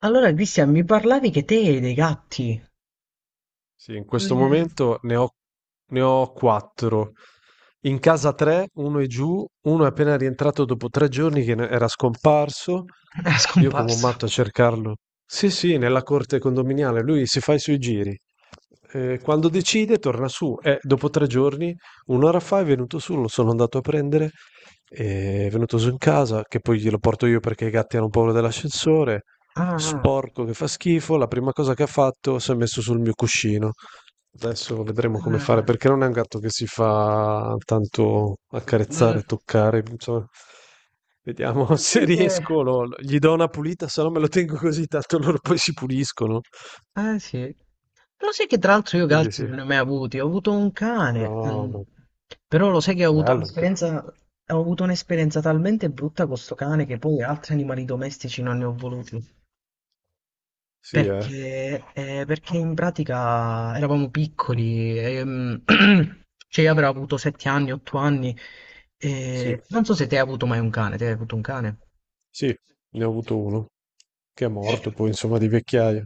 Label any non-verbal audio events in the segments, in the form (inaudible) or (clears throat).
Allora, Cristian, mi parlavi che te e dei gatti. Sì, in questo Come momento ne ho quattro. In casa tre, uno è giù, uno è appena rientrato dopo 3 giorni che era scomparso, è io come un scomparso? matto a cercarlo. Sì, sì, nella corte condominiale, lui si fa i suoi giri. Quando decide torna su. Dopo 3 giorni, un'ora fa è venuto su, lo sono andato a prendere, è venuto su in casa, che poi glielo porto io perché i gatti hanno paura dell'ascensore. Ah, Sporco che fa schifo, la prima cosa che ha fatto si è messo sul mio cuscino. Adesso vedremo come fare, ah, perché non è un gatto che si fa tanto mm, accarezzare, toccare, insomma. Vediamo (laughs) lo se sai che... riesco, gli do una pulita, se no me lo tengo così, tanto loro poi si puliscono. Eh sì. Lo sai che tra l'altro io Quindi gatti sì. non ne ho mai avuti. Ho avuto un cane. No, no. Però lo sai che ho avuto Bello anche. un'esperienza... Ho avuto un'esperienza talmente brutta con sto cane che poi altri animali domestici non ne ho voluti. Sì, eh. Perché, perché in pratica eravamo piccoli, (clears throat) cioè io avrò avuto 7 anni, 8 anni, Sì. e non so se te hai avuto mai un cane, te hai avuto un cane? Sì, ne ho avuto uno che è Eh, morto poi, insomma, di vecchiaia.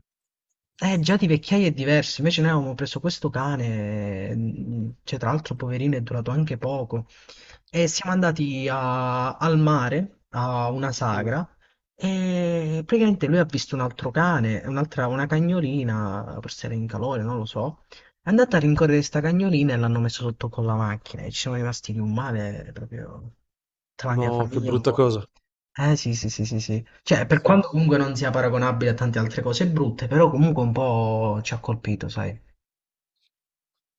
Eh, già di vecchiaia è diverso, invece noi avevamo preso questo cane, cioè tra l'altro poverino è durato anche poco, e siamo al mare, a una Mm. sagra, e praticamente lui ha visto un altro cane, un'altra, una cagnolina, forse era in calore, non lo so, è andata a rincorrere questa cagnolina e l'hanno messo sotto con la macchina, e ci siamo rimasti di un male proprio tra la mia No, che famiglia un brutta po'. cosa. Eh sì, sì, sì, sì, sì. Cioè, per Sì. quanto comunque non sia paragonabile a tante altre cose brutte, però comunque un po' ci ha colpito, sai.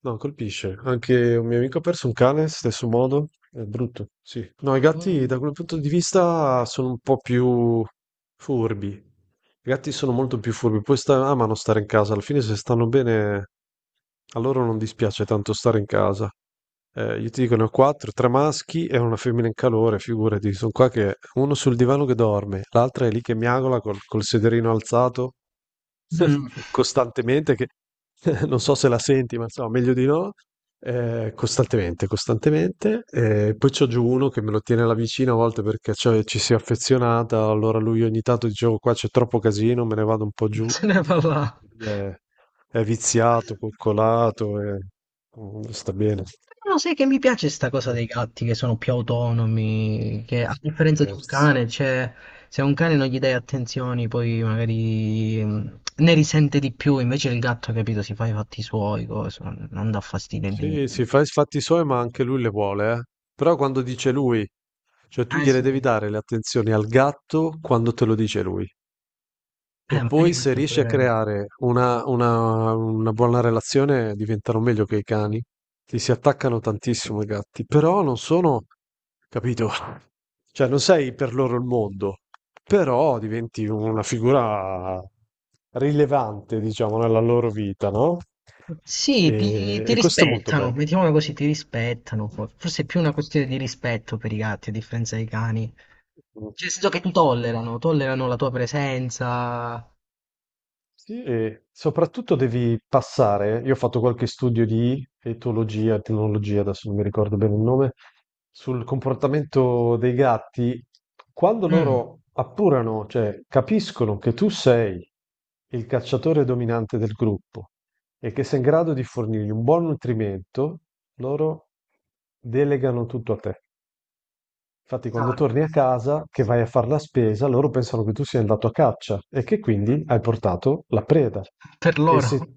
No, colpisce. Anche un mio amico ha perso un cane, stesso modo. È brutto, sì. No, i Mm. gatti da quel punto di vista sono un po' più furbi. I gatti sono molto più furbi, poi amano stare in casa, alla fine se stanno bene a loro non dispiace tanto stare in casa. Io ti dico, ne ho quattro, tre maschi e una femmina in calore, figurati, sono qua che uno sul divano che dorme, l'altra è lì che miagola col sederino alzato, (laughs) Mm. costantemente che (laughs) non so se la senti, ma insomma, meglio di no. Costantemente, costantemente. Poi c'ho giù uno che me lo tiene alla vicina a volte perché, cioè, ci si è affezionata. Allora lui ogni tanto dicevo qua c'è troppo casino, me ne vado un po' (laughs) giù. Se ne parla. Eh, è viziato, coccolato, e sta bene. Però sai che mi piace sta cosa dei gatti che sono più autonomi, che Ma a differenza di un scherzi. cane, cioè, se a un cane non gli dai attenzioni, poi magari ne risente di più, invece il gatto, capito, si fa i fatti suoi, cose, non dà fastidio né Sì, si niente. fa i fatti suoi, ma anche lui le vuole, eh. Però quando dice lui, cioè tu Eh gliele sì. devi dare le attenzioni al gatto quando te lo dice lui. E Magari poi se questo è riesci pure a vero. creare una buona relazione, diventano meglio che i cani. Ti si attaccano tantissimo i gatti, però non sono, capito? (laughs) Cioè non sei per loro il mondo, però diventi una figura rilevante, diciamo, nella loro vita, no? Sì, E, ti e questo è molto rispettano, bello. mettiamola così, ti rispettano. Forse è più una questione di rispetto per i gatti, a differenza dei cani. Cioè, nel senso che ti tollerano, tollerano la tua presenza. Sì, e soprattutto devi passare, io ho fatto qualche studio di etologia, etnologia, adesso non mi ricordo bene il nome, sul comportamento dei gatti, quando Mm, loro appurano, cioè capiscono che tu sei il cacciatore dominante del gruppo e che sei in grado di fornirgli un buon nutrimento, loro delegano tutto a te. Infatti, quando ah, torni a casa, che vai a fare la spesa, loro pensano che tu sia andato a caccia e che quindi hai portato la preda. per E loro. se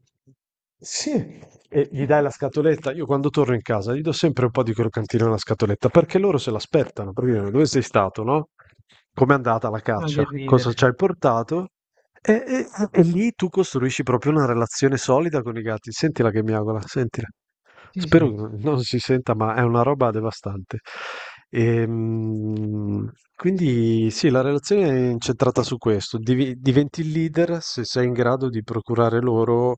sì, e gli dai la (laughs) scatoletta, io quando torno in casa gli do sempre un po' di croccantino nella scatoletta perché loro se l'aspettano. Perché dicono, dove sei stato, no? Com'è andata la Ma che caccia? Cosa ci ridere. hai portato? E lì tu costruisci proprio una relazione solida con i gatti. Sentila che miagola, sentila. Sì, Spero sì. che non si senta, ma è una roba devastante. Quindi sì, la relazione è incentrata su questo. Diventi il leader se sei in grado di procurare loro,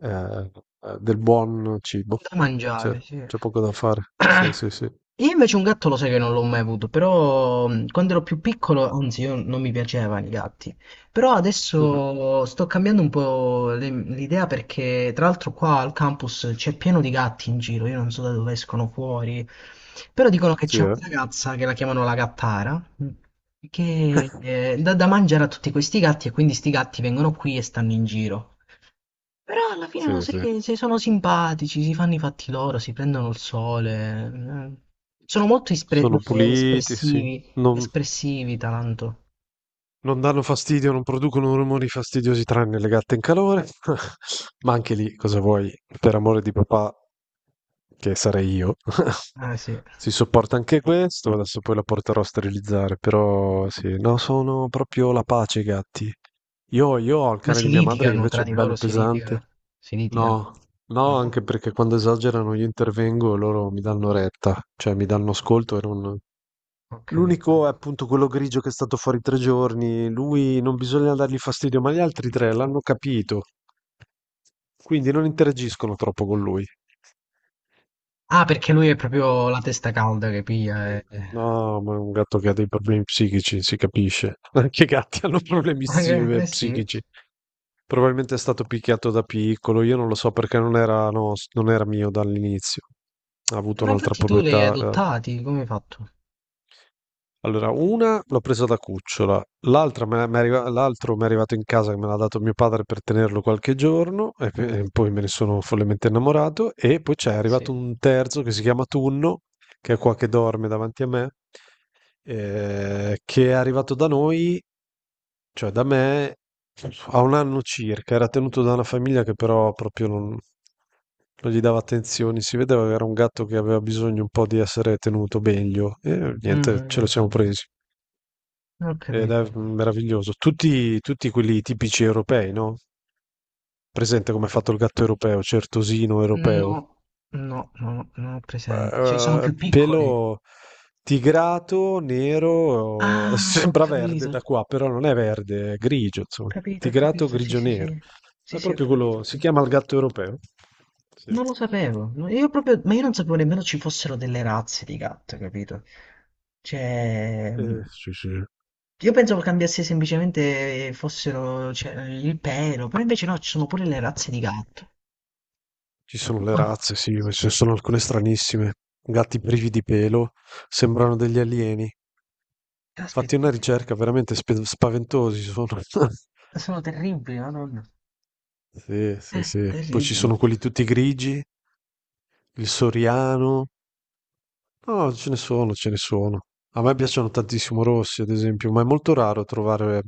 eh, del buon cibo. Da Cioè, mangiare, sì. c'è poco da fare. Sì, sì, (clears throat) sì. Io invece un gatto lo sai che non l'ho mai avuto, però quando ero più piccolo, anzi io non mi piacevano i gatti, però Mhm. adesso sto cambiando un po' l'idea perché tra l'altro qua al campus c'è pieno di gatti in giro, io non so da dove escono fuori, però dicono che Sì, c'è una eh? ragazza che la chiamano la gattara, che (laughs) dà da mangiare a tutti questi gatti e quindi sti gatti vengono qui e stanno in giro. Però alla fine no, Sì, sai sì. che se sono simpatici, si fanno i fatti loro, si prendono il sole. Eh. Sono molto Sono puliti, sì. espressivi, Non, espressivi Taranto. non danno fastidio, non producono rumori fastidiosi tranne le gatte in calore. (laughs) Ma anche lì, cosa vuoi? Per amore di papà, che sarei io. (laughs) Ah sì. Si sopporta anche questo, adesso poi la porterò a sterilizzare, però sì, no, sono proprio la pace i gatti. Io ho il Ma cane si di mia madre che litigano tra invece è di bello loro, si pesante. litigano. Si litigano. No, no, anche No? perché quando esagerano io intervengo e loro mi danno retta, cioè mi danno ascolto e non, Ho capito. L'unico è appunto quello grigio che è stato fuori 3 giorni. Lui non bisogna dargli fastidio, ma gli altri tre l'hanno capito. Quindi non interagiscono troppo con lui. Ah, perché lui è proprio la testa calda che piglia. Eh. No, ma è un gatto che ha dei problemi psichici, si capisce. (laughs) Anche i gatti (laughs) hanno problemi Anche- eh, sì. psichici. Probabilmente è stato picchiato da piccolo, io non lo so perché non era, non era mio dall'inizio. Ha avuto Ma un'altra infatti tu li hai proprietà. adottati, come hai fatto? Allora, una l'ho presa da cucciola, l'altra l'altro mi è arrivato in casa che me l'ha dato mio padre per tenerlo qualche giorno e, e poi me ne sono follemente innamorato e poi c'è Eh arrivato sì. un terzo che si chiama Tunno, che è qua che dorme davanti a me, che è arrivato da noi, cioè da me, a un anno circa, era tenuto da una famiglia che però proprio non gli dava attenzioni, si vedeva che era un gatto che aveva bisogno un po' di essere tenuto meglio e Mm, niente, mm, ce lo mm. siamo presi. Ho Ed capito. è meraviglioso. Tutti, tutti quelli tipici europei, no? Presente come è fatto il gatto europeo, certosino No, europeo. no, non ho presente. Cioè, sono più piccoli. Pelo tigrato, nero, (laughs) Ah, ho sembra verde capito, da ho qua, però non è verde, è grigio, insomma. capito, ho Tigrato, capito, sì, sì, grigio-nero. sì. Sì, È sì, ho proprio capito. Ho quello, si capito. chiama il gatto europeo. Sì. Non lo sapevo, no, io proprio, ma io non sapevo nemmeno ci fossero delle razze di gatto, capito? Cioè, Sì, sì. io pensavo cambiasse semplicemente fossero, cioè, il pelo, però invece no, ci sono pure le razze di gatto. Ci sono le Buono. razze, sì, ma ci sono alcune stranissime. Gatti privi di pelo, sembrano degli alieni. Caspita, Fatti una ricerca veramente spe spaventosi sono. (laughs) sono terribili, madonna. Sì, sì, sì. Poi ci sono Terribili. quelli tutti grigi, il soriano. No, ce ne sono, ce ne sono. A me piacciono tantissimo rossi, ad esempio, ma è molto raro trovare.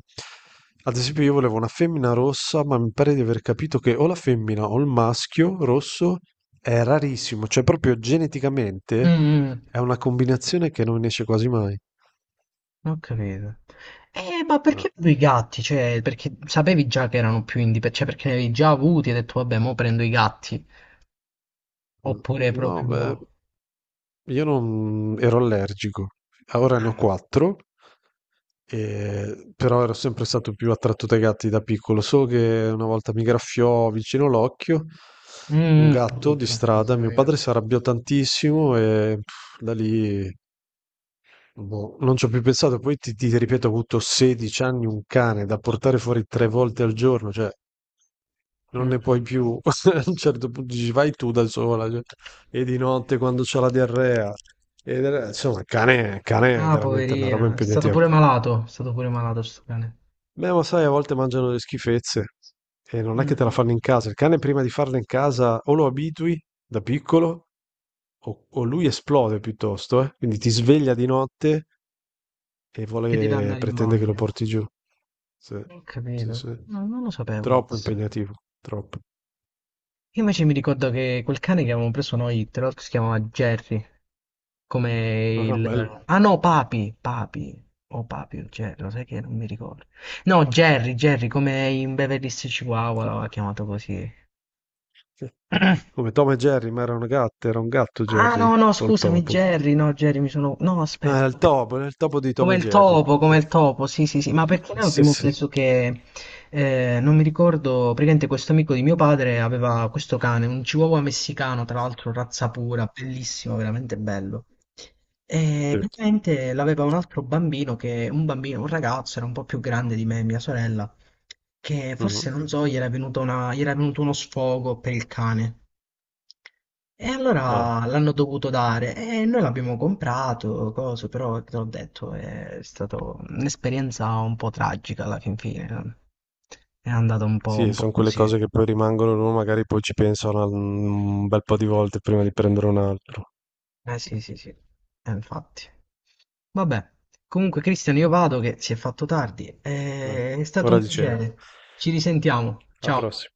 Ad esempio, io volevo una femmina rossa, ma mi pare di aver capito che o la femmina o il maschio rosso è rarissimo, cioè proprio geneticamente Mm. è una combinazione che non esce quasi mai. Ho capito. Ma Ah, perché proprio i gatti? Cioè, perché sapevi già che erano più indipendenti, cioè perché ne avevi già avuti e hai detto, vabbè, mo prendo i gatti. mm. Oppure No, beh, proprio... io non ero allergico, ora ne ho Ah. quattro, però ero sempre stato più attratto dai gatti da piccolo. So che una volta mi graffiò vicino l'occhio Mm, un mm, gatto di brutto. strada, Mamma mio mia. padre si arrabbiò tantissimo e pff, da lì boh, non ci ho più pensato. Poi ti ripeto, ho avuto 16 anni un cane da portare fuori 3 volte al giorno, cioè non Mm. ne puoi più. (laughs) A un certo punto dici, vai tu da sola, cioè, e di notte quando c'ho la diarrea. E, insomma, il cane è Ah, veramente una roba poverina. È stato impegnativa. pure malato. È stato pure malato sto cane. Beh, ma sai, a volte mangiano le schifezze. E non è che te la Mm. fanno in casa. Il cane prima di farla in casa o lo abitui da piccolo o lui esplode piuttosto, eh. Quindi ti sveglia di notte e Che deve vuole, andare in pretende che lo bagno. porti giù. Sì, Ho sì, capito. sì. No, non lo sapevo Troppo questo. impegnativo, troppo. Io invece mi ricordo che quel cane che avevamo preso noi, tra l'altro si chiamava Jerry, (laughs) come Ah, bello. il... Ah no, Papi, Papi, o Papi o Jerry, lo sai che non mi ricordo. No, Jerry, Jerry, come in Beverly Hills Chihuahua l'aveva chiamato così. Come Tom e Jerry, ma era una gatta, era un gatto Ah Jerry, no, no, o il scusami, topo. Jerry, no, Jerry, mi sono... No, No, aspetta. Era il topo di Tom e Jerry. Sì, Come il topo, sì, sì, sì, ma perché noi sì, abbiamo sì. preso che, non mi ricordo, praticamente questo amico di mio padre aveva questo cane, un chihuahua messicano, tra l'altro razza pura, bellissimo, veramente bello. E Sì. praticamente l'aveva un altro bambino che, un bambino, un ragazzo, era un po' più grande di me, mia sorella, che forse, Mhm. non so, gli era venuto uno sfogo per il cane. E Ah, allora l'hanno dovuto dare e noi l'abbiamo comprato, coso, però te l'ho detto, è stata un'esperienza un po' tragica alla fin fine. No? È andata sì, un po' sono quelle così. cose che poi rimangono, uno magari poi ci pensano un bel po' di volte prima di prendere un altro. Eh sì, sì, sì, eh, infatti. Vabbè, comunque Cristian io vado che si è fatto tardi, Vai. eh, è stato Ora un di cena. piacere. Ci risentiamo. Alla Ciao. prossima.